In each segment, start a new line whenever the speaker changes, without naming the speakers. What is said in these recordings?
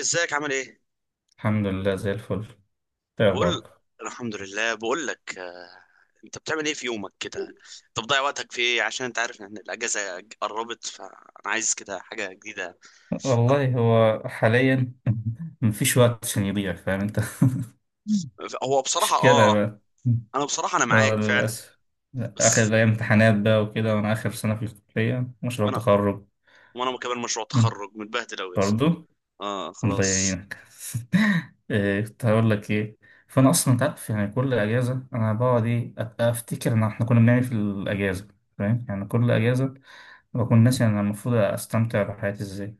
ازيك عامل ايه؟
الحمد لله زي الفل. ايه
بقول
اخبارك؟
الحمد لله، بقول لك انت بتعمل ايه في يومك كده؟ انت بتضيع وقتك في ايه؟ عشان انت عارف ان الاجازه قربت، فانا عايز كده حاجه جديده.
والله هو حاليا مفيش وقت عشان يضيع، فاهم انت؟
هو بصراحه
مشكلة
اه
بقى.
انا بصراحه
آه،
معاك فعلا.
للأسف. آخر
بس
الأيام امتحانات بقى وكده، وأنا آخر سنة في الكلية، مشروع
وانا
تخرج.
وانا مكمل مشروع
مم.
تخرج متبهدل قوي يا اسطى.
برضو.
اه،
الله
خلاص.
يعينك. إيه، كنت هقول لك إيه. فأنا أصلا أنت عارف يعني كل أجازة أنا بقعد إيه؟ أبقى أفتكر إن إحنا كنا بنعمل إيه في الأجازة. فاهم؟ يعني كل أجازة بكون ناسي أنا المفروض أستمتع بحياتي إزاي.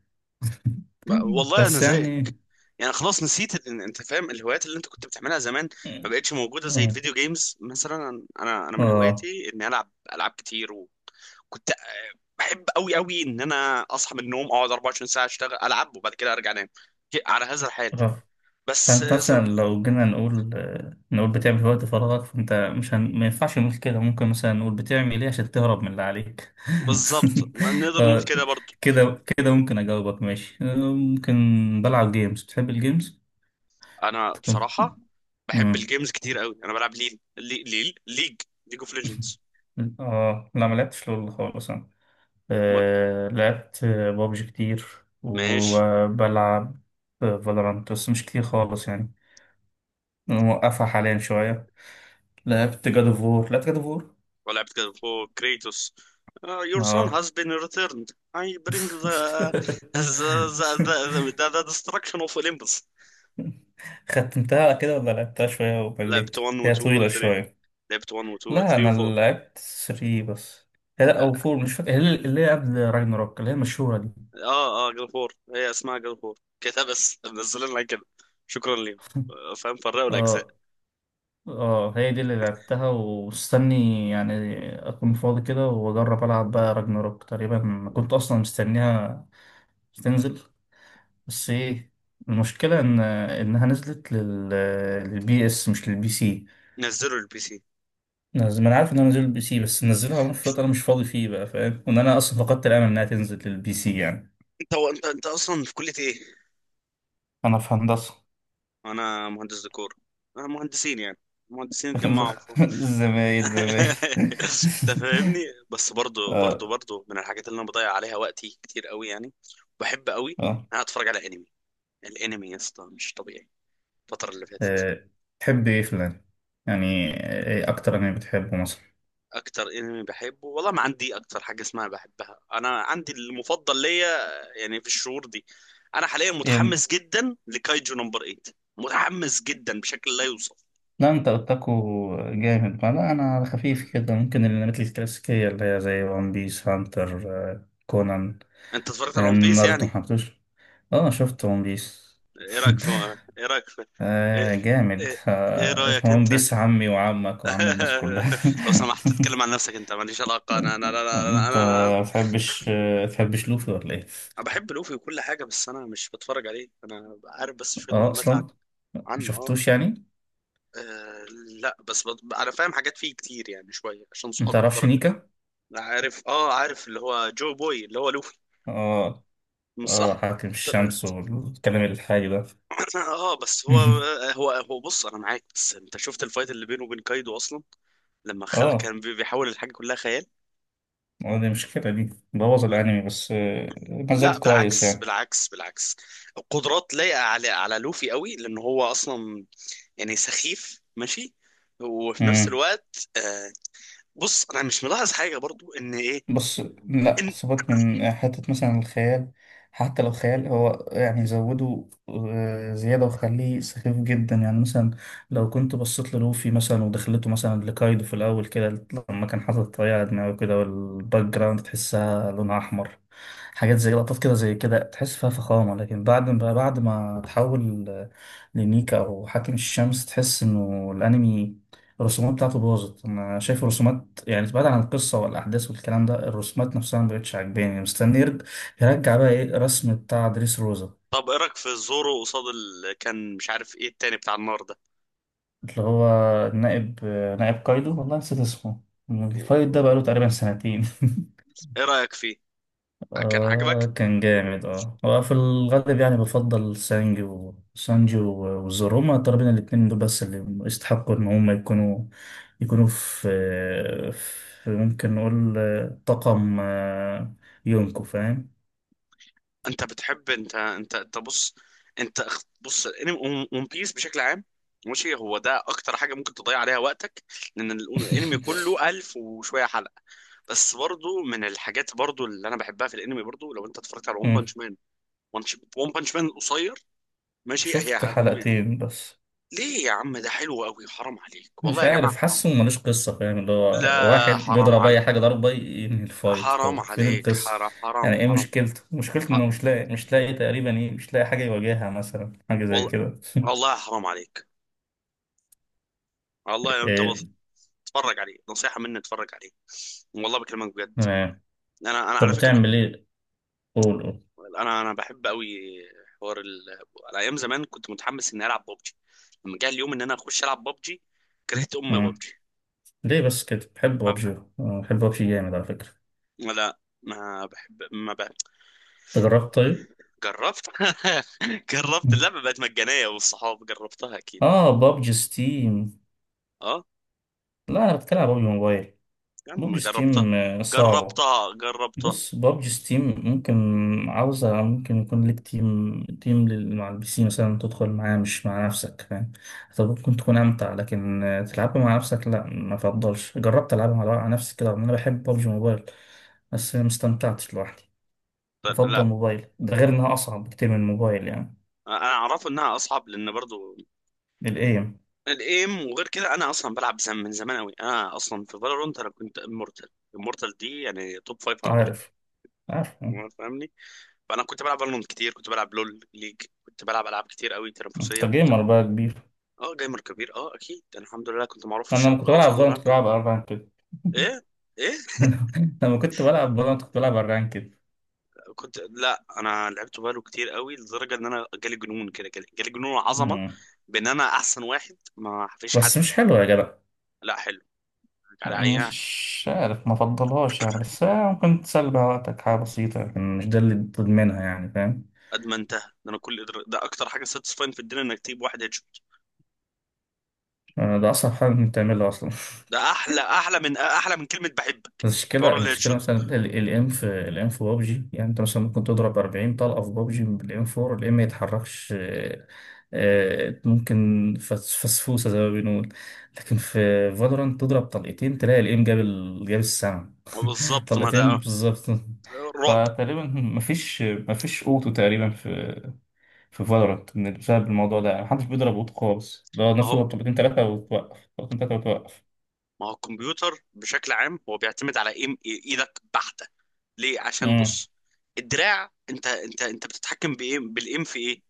والله انا
بس
زيك.
يعني
يعني خلاص نسيت انت فاهم الهوايات اللي انت كنت بتعملها زمان، ما بقتش موجوده زي
آه
الفيديو جيمز مثلا. انا من
آه
هواياتي اني العب العاب كتير. وكنت بحب قوي قوي ان انا اصحى من النوم، اقعد 24 ساعه اشتغل العب، وبعد كده ارجع انام على هذا الحال.
آه.
بس
فأنت
زي ما-
مثلا لو جينا نقول نقول بتعمل في وقت فراغك، فأنت مش هن... ما ينفعش نقول كده. ممكن مثلا نقول بتعمل إيه عشان تهرب من اللي عليك.
بالظبط، ما نقدر نقول
آه،
كده برضو.
كده كده ممكن أجاوبك، ماشي ممكن. بلعب جيمز. بتحب الجيمز؟
انا بصراحه بحب
مم.
الجيمز كتير قوي. انا بلعب ليل لي- ليل ليج ليج اوف ليجندز.
آه، لا ما لعبتش لول خالص. لعبت بابجي كتير،
ماشي.
وبلعب فالورانت بس مش كتير خالص يعني. موقفها حاليا شوية. لعبت جاد اوف وور.
ولعبت كده فوق كريتوس. Your son
اه.
has been returned. I bring the the, the, the, the destruction of Olympus.
ختمتها كده ولا لعبتها شوية
لعبت
وبليت؟
1 و
هي
2 و
طويلة
3
شوية.
لعبت 1 و 2 و
لا
3
أنا
و 4.
لعبت 3 بس. هي لا، أو 4، مش فاكر، هي اللي هي قبل راجناروك، اللي هي المشهورة دي.
اه، اه، جاد اوف وور. هي اسمها جاد اوف وور كده، بس منزلين لنا كده. شكرا ليهم. فاهم، فرقوا الاجزاء.
اه اه. هي دي اللي لعبتها، ومستني يعني اكون فاضي كده واجرب العب بقى راجناروك. تقريبا كنت اصلا مستنيها تنزل، بس ايه، المشكله ان انها نزلت لل... للبي اس مش للبي سي.
نزلوا البي سي.
ما انا عارف انها نزلت للبي سي، بس منزلها وانا في وقت انا مش فاضي فيه بقى، فاهم؟ وان انا اصلا فقدت الامل انها تنزل للبي سي يعني.
انت هو انت انت اصلا في كليه ايه؟
انا في هندسه.
انا مهندس ديكور. انا مهندسين يعني، مهندسين اتجمعوا فوق.
زمايل زمايل
انت فاهمني. بس برضو
اه
برضو برضو من الحاجات اللي انا بضيع عليها وقتي كتير قوي يعني. بحب قوي ان
اه.
انا اتفرج على انمي. الانمي يا اسطى مش طبيعي الفتره اللي فاتت.
آه، تحب ايه في الانمي يعني؟ ايه اكتر انمي بتحبه مثلا؟
اكتر انمي بحبه، والله ما عندي اكتر حاجه اسمها بحبها، انا عندي المفضل ليا يعني في الشهور دي. انا حاليا
يعني
متحمس جدا لكايجو نمبر 8. متحمس جدا بشكل لا يوصف.
لا انت اوتاكو جامد، ما لا انا على خفيف كده، ممكن الانميات الكلاسيكيه اللي هي زي ون بيس، هانتر، كونان،
انت اتفرجت على ون بيس
ناروتو
يعني؟
محبتوش. اه شفت ون بيس.
ايه رايك في ايه رايك في ايه,
آه جامد،
إيه... إيه
آه
رايك
ون
انت؟
بيس عمي وعمك وعم الناس كلها.
لو سمحت تتكلم عن نفسك، انت ماليش علاقه.
انت ما تحبش ما تحبش لوفي ولا ايه؟
أنا بحب لوفي وكل حاجه، بس انا مش بتفرج عليه، انا عارف بس شويه
اه
معلومات عنه
اصلا ما
عنه اه.
شفتوش يعني.
آه، لا، بس انا فاهم حاجات فيه كتير يعني، شويه عشان
ما
صحابي
تعرفش
بدرجه.
نيكا.
أنا عارف، اه، عارف اللي هو جو بوي، اللي هو لوفي.
اه
مش صح؟
اه، حاتم
ط-
الشمس والكلام الحالي ده.
اه، بس هو هو بص، انا معاك. بس انت شفت الفايت اللي بينه وبين كايدو اصلا؟ لما
اه،
كان بيحاول، الحاجه كلها خيال.
آه، دي مشكلة، دي بوظ الانمي بس ما
لا،
زال كويس
بالعكس،
يعني.
بالعكس، بالعكس. القدرات لايقه على لوفي قوي، لان هو اصلا يعني سخيف، ماشي؟ وفي نفس
امم.
الوقت بص، انا مش ملاحظ حاجه برضو ان ايه.
بس لا، سيبك من حتة مثلا الخيال. حتى لو خيال، هو يعني زوده زيادة وخليه سخيف جدا يعني. مثلا لو كنت بصيت للوفي مثلا ودخلته مثلا لكايدو في الأول كده، لما كان حاطط الطريقة على دماغه كده والباك جراوند تحسها لونها أحمر، حاجات زي لقطات كده، زي كده تحس فيها فخامة. لكن بعد ما تحول لنيكا أو حاكم الشمس، تحس إنه الأنمي الرسومات بتاعته باظت. أنا شايف الرسومات يعني، بعيد عن القصة والأحداث والكلام ده، الرسومات نفسها مبقتش عاجباني. مستني يرجع بقى إيه الرسم بتاع دريس روزا.
طب، ايه رايك في زورو قصاد كان مش عارف ايه التاني بتاع النار ده؟
اللي هو نائب نائب كايدو، والله نسيت اسمه. الفايت ده بقاله تقريبا سنتين.
ايه رايك فيه؟ كان
آه
عاجبك؟
كان جامد اه، وفي الغالب يعني بفضل سانجي، وزورو، هما تقريبا الاتنين دول بس اللي يستحقوا ان هما يكونوا، يكونوا في، في ممكن نقول طاقم يونكو، فاهم.
انت بتحب؟ انت بص. بص، الانمي ون بيس بشكل عام، ماشي، هو ده اكتر حاجه ممكن تضيع عليها وقتك، لان الانمي كله الف وشويه حلقه. بس برضو من الحاجات برضو اللي انا بحبها في الانمي، برضو لو انت اتفرجت على ون
مم.
بانش مان. ون بانش مان قصير، ماشي،
شفت حلقتين بس.
ليه يا عم؟ ده حلو قوي، حرام عليك، والله
مش
يا جماعه،
عارف،
حرام.
حاسه ملوش قصة، فاهم؟ اللي هو واحد
لا، حرام
بيضرب أي
عليك،
حاجة ضربة ينهي الفايت،
حرام،
طب فين
عليك
القصة؟
حرام
يعني
حرام،
إيه
حرام.
مشكلته؟ مشكلته
ح-
إنه مش لاقي تقريبا إيه، مش لاقي حاجة يواجهها مثلا، حاجة زي
والله،
كده.
والله حرام عليك. والله، انت بس
إيه؟
اتفرج عليه، نصيحة مني، اتفرج عليه، والله بكلمك بجد.
تمام.
انا
طب
على فكرة،
بتعمل إيه؟ قول قول.
انا بحب قوي حوار على ايام زمان كنت متحمس اني العب ببجي. لما جه اليوم ان انا اخش العب ببجي، كرهت ام
مم.
ببجي.
ليه بس كده؟ بحب
ما
بابجي.
بقى.
آه، بحب بابجي جامد على فكرة.
لا، ما بحب، ما بقى.
أنت جربت طيب؟
جربت. جربت،
مم.
اللعبة بقت مجانية والصحاب جربتها، اكيد، اه.
آه بابجي ستيم.
آه،
لا أنا بتكلم على بابجي موبايل.
يا عم
بابجي
جربتها،
ستيم صعبة.
جربتها، جربتها.
بص بابجي ستيم ممكن عاوزة، ممكن يكون ليك تيم مع البي سي مثلا، تدخل معاه مش مع نفسك، فاهم؟ طب ممكن تكون أمتع، لكن تلعبها مع نفسك لا ما فضلش. جربت ألعبها مع نفسي كده، رغم إن أنا بحب بابجي موبايل، بس ما استمتعتش لوحدي. بفضل
لا،
موبايل ده، غير إنها أصعب بكتير من الموبايل يعني،
انا اعرفه انها اصعب، لان برضو
الإيم.
الايم. وغير كده، انا اصلا بلعب من زمان قوي، انا اصلا في فالورانت انا كنت امورتال. امورتال دي يعني توب 500،
عارف عارف.
فاهمني؟ فانا كنت بلعب فالورانت كتير، كنت بلعب لول ليج، كنت بلعب العاب كتير قوي تنافسيه،
أنت
وكنت...
جيمر بقى كبير.
اه، جيمر كبير، اه، اكيد. انا الحمد لله كنت معروف في
أنا لما
الشرق
كنت
الاوسط
بلعب فالنت
والعالم
كنت
كله.
بلعب أربعة كده.
ايه؟ ايه؟
لما كنت بلعب فالنت كنت بلعب أربعة كده.
لا، انا لعبت بالو كتير قوي، لدرجه ان انا جالي جنون كده، جالي جنون عظمه، بان انا احسن واحد ما فيش
بس
حد.
مش حلوة يا جدع.
لا، حلو. على اي.
مش عارف ما فضلهاش يعني. بس هي ممكن تسلي بيها وقتك، حاجة بسيطة يعني، مش ده اللي تضمنها يعني، فاهم؟
قد ما انتهى ده، انا كل ده. ده اكتر حاجه ساتسفاين في الدنيا انك تجيب واحد هيد شوت.
آه، ده أصعب حاجة ممكن تعملها أصلا.
ده احلى، احلى من كلمه بحبك.
المشكلة
حوار الهيد
المشكلة
شوت.
مثلا الام، في الام في بابجي، يعني انت مثلا ممكن تضرب 40 طلقة في بابجي بالام 4، الام ما يتحركش ممكن فسفوسة زي ما بنقول. لكن في فالورانت تضرب طلقتين، تلاقي الام جاب ال... جاب السما.
بالظبط، ما
طلقتين
ده
بالظبط.
رعب.
فتقريبا مفيش اوتو تقريبا في في فالورانت، بسبب الموضوع ده. يعني محدش بيضرب اوتو خالص ده، الناس
اهو،
تضرب طلقتين ثلاثة وتوقف، طلقتين ثلاثة وتوقف.
ما هو الكمبيوتر بشكل عام هو بيعتمد على ايم ايدك بحته. ليه؟ عشان
امم.
بص، الدراع، انت بتتحكم بايه؟ بالايم في ايه؟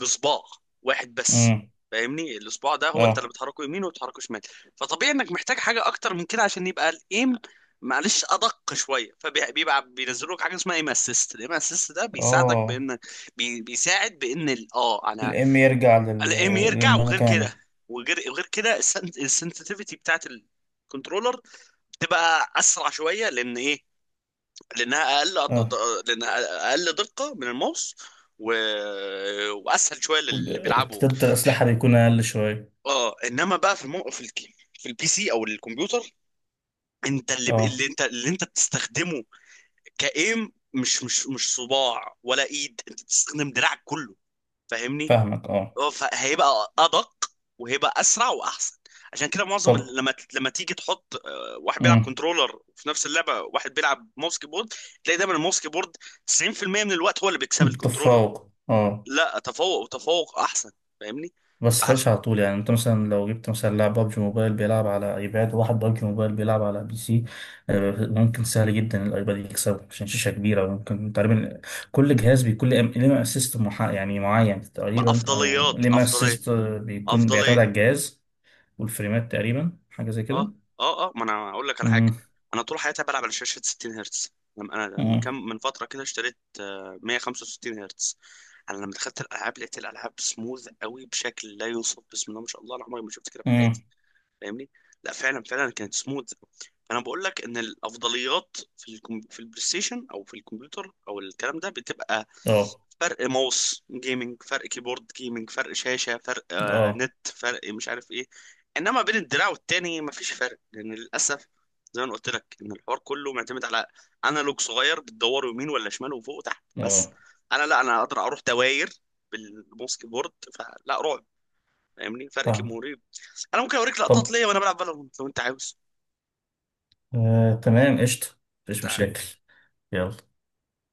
بصباع واحد بس،
امم.
فاهمني؟ الصباع ده هو انت اللي
اه
بتحركه يمين وبتحركه شمال. فطبيعي انك محتاج حاجه اكتر من كده عشان يبقى الايم معلش ادق شويه. فبيبقى بينزلوا لك حاجه اسمها ايم اسيست. الايم اسيست ده بيساعدك
اه.
بان بي بيساعد بان ال- اه انا
الام يرجع لل...
الايم يرجع. وغير
للمكانه.
كده، وغير غير كده السنسitivity بتاعت الكنترولر بتبقى اسرع شويه، لان ايه؟
اه.
لانها اقل دقه من الماوس، و... واسهل شويه للي بيلعبوا.
والارتداد الأسلحة بيكون أقل شوية.
اه، انما بقى في في البي سي او الكمبيوتر، انت اللي, ب... اللي
اه.
انت اللي انت بتستخدمه كايم، مش مش صباع ولا ايد. انت بتستخدم دراعك كله، فاهمني؟
فاهمك اه.
اه، فهيبقى ادق، وهيبقى اسرع واحسن. عشان كده معظم
طب.
لما لما تيجي تحط واحد بيلعب
امم.
كنترولر في نفس اللعبه، واحد بيلعب ماوس كيبورد، تلاقي دايما الماوس كيبورد 90% من الوقت هو اللي بيكسب الكنترولر.
تفوق اه.
لا، تفوق، وتفوق احسن، فاهمني؟
بس
فعشان
خمسة على طول يعني. انت مثلا لو جبت مثلا لاعب بابجي موبايل بيلعب على ايباد، وواحد بابجي موبايل بيلعب على بي سي، آه، ممكن سهل جدا الايباد يكسبه عشان شاشة كبيرة. ممكن تقريبا كل جهاز بيكون ليه اسيست محا... يعني معين تقريبا، او
بأفضليات،
ليه
أفضلية
اسيست بيكون، بيعتمد
أفضلية
على الجهاز. والفريمات تقريبا، حاجة زي كده.
اه، اه، اه، ما انا اقول لك على حاجه. انا طول حياتي بلعب على شاشه 60 هرتز، لما انا من
امم.
كام من فتره كده اشتريت 165 هرتز. انا لما دخلت الالعاب لقيت الالعاب سموث قوي بشكل لا يوصف، بسم الله ما شاء الله، انا عمري ما شفت كده في حياتي.
امم.
فاهمني؟ لا، فعلا، فعلا كانت سموث. انا بقول لك ان الافضليات في في البلاي ستيشن او في الكمبيوتر او الكلام ده، بتبقى
اه
فرق ماوس جيمنج، فرق كيبورد جيمنج، فرق شاشة، فرق
اه
نت، فرق مش عارف ايه. انما بين الدراع والتاني مفيش فرق، لان للاسف زي ما أنا قلت لك ان الحوار كله معتمد على انالوج صغير بتدور يمين ولا شمال وفوق وتحت بس.
اه.
لا، انا اقدر اروح دواير بالماوس كيبورد، فلا رعب، فاهمني؟ فرق
فاهم.
كيموري. انا ممكن اوريك لقطات
طب
ليا وانا بلعب فالورنت، لو انت عاوز؟
آه تمام قشطة، مفيش
انت
مشاكل. يلا.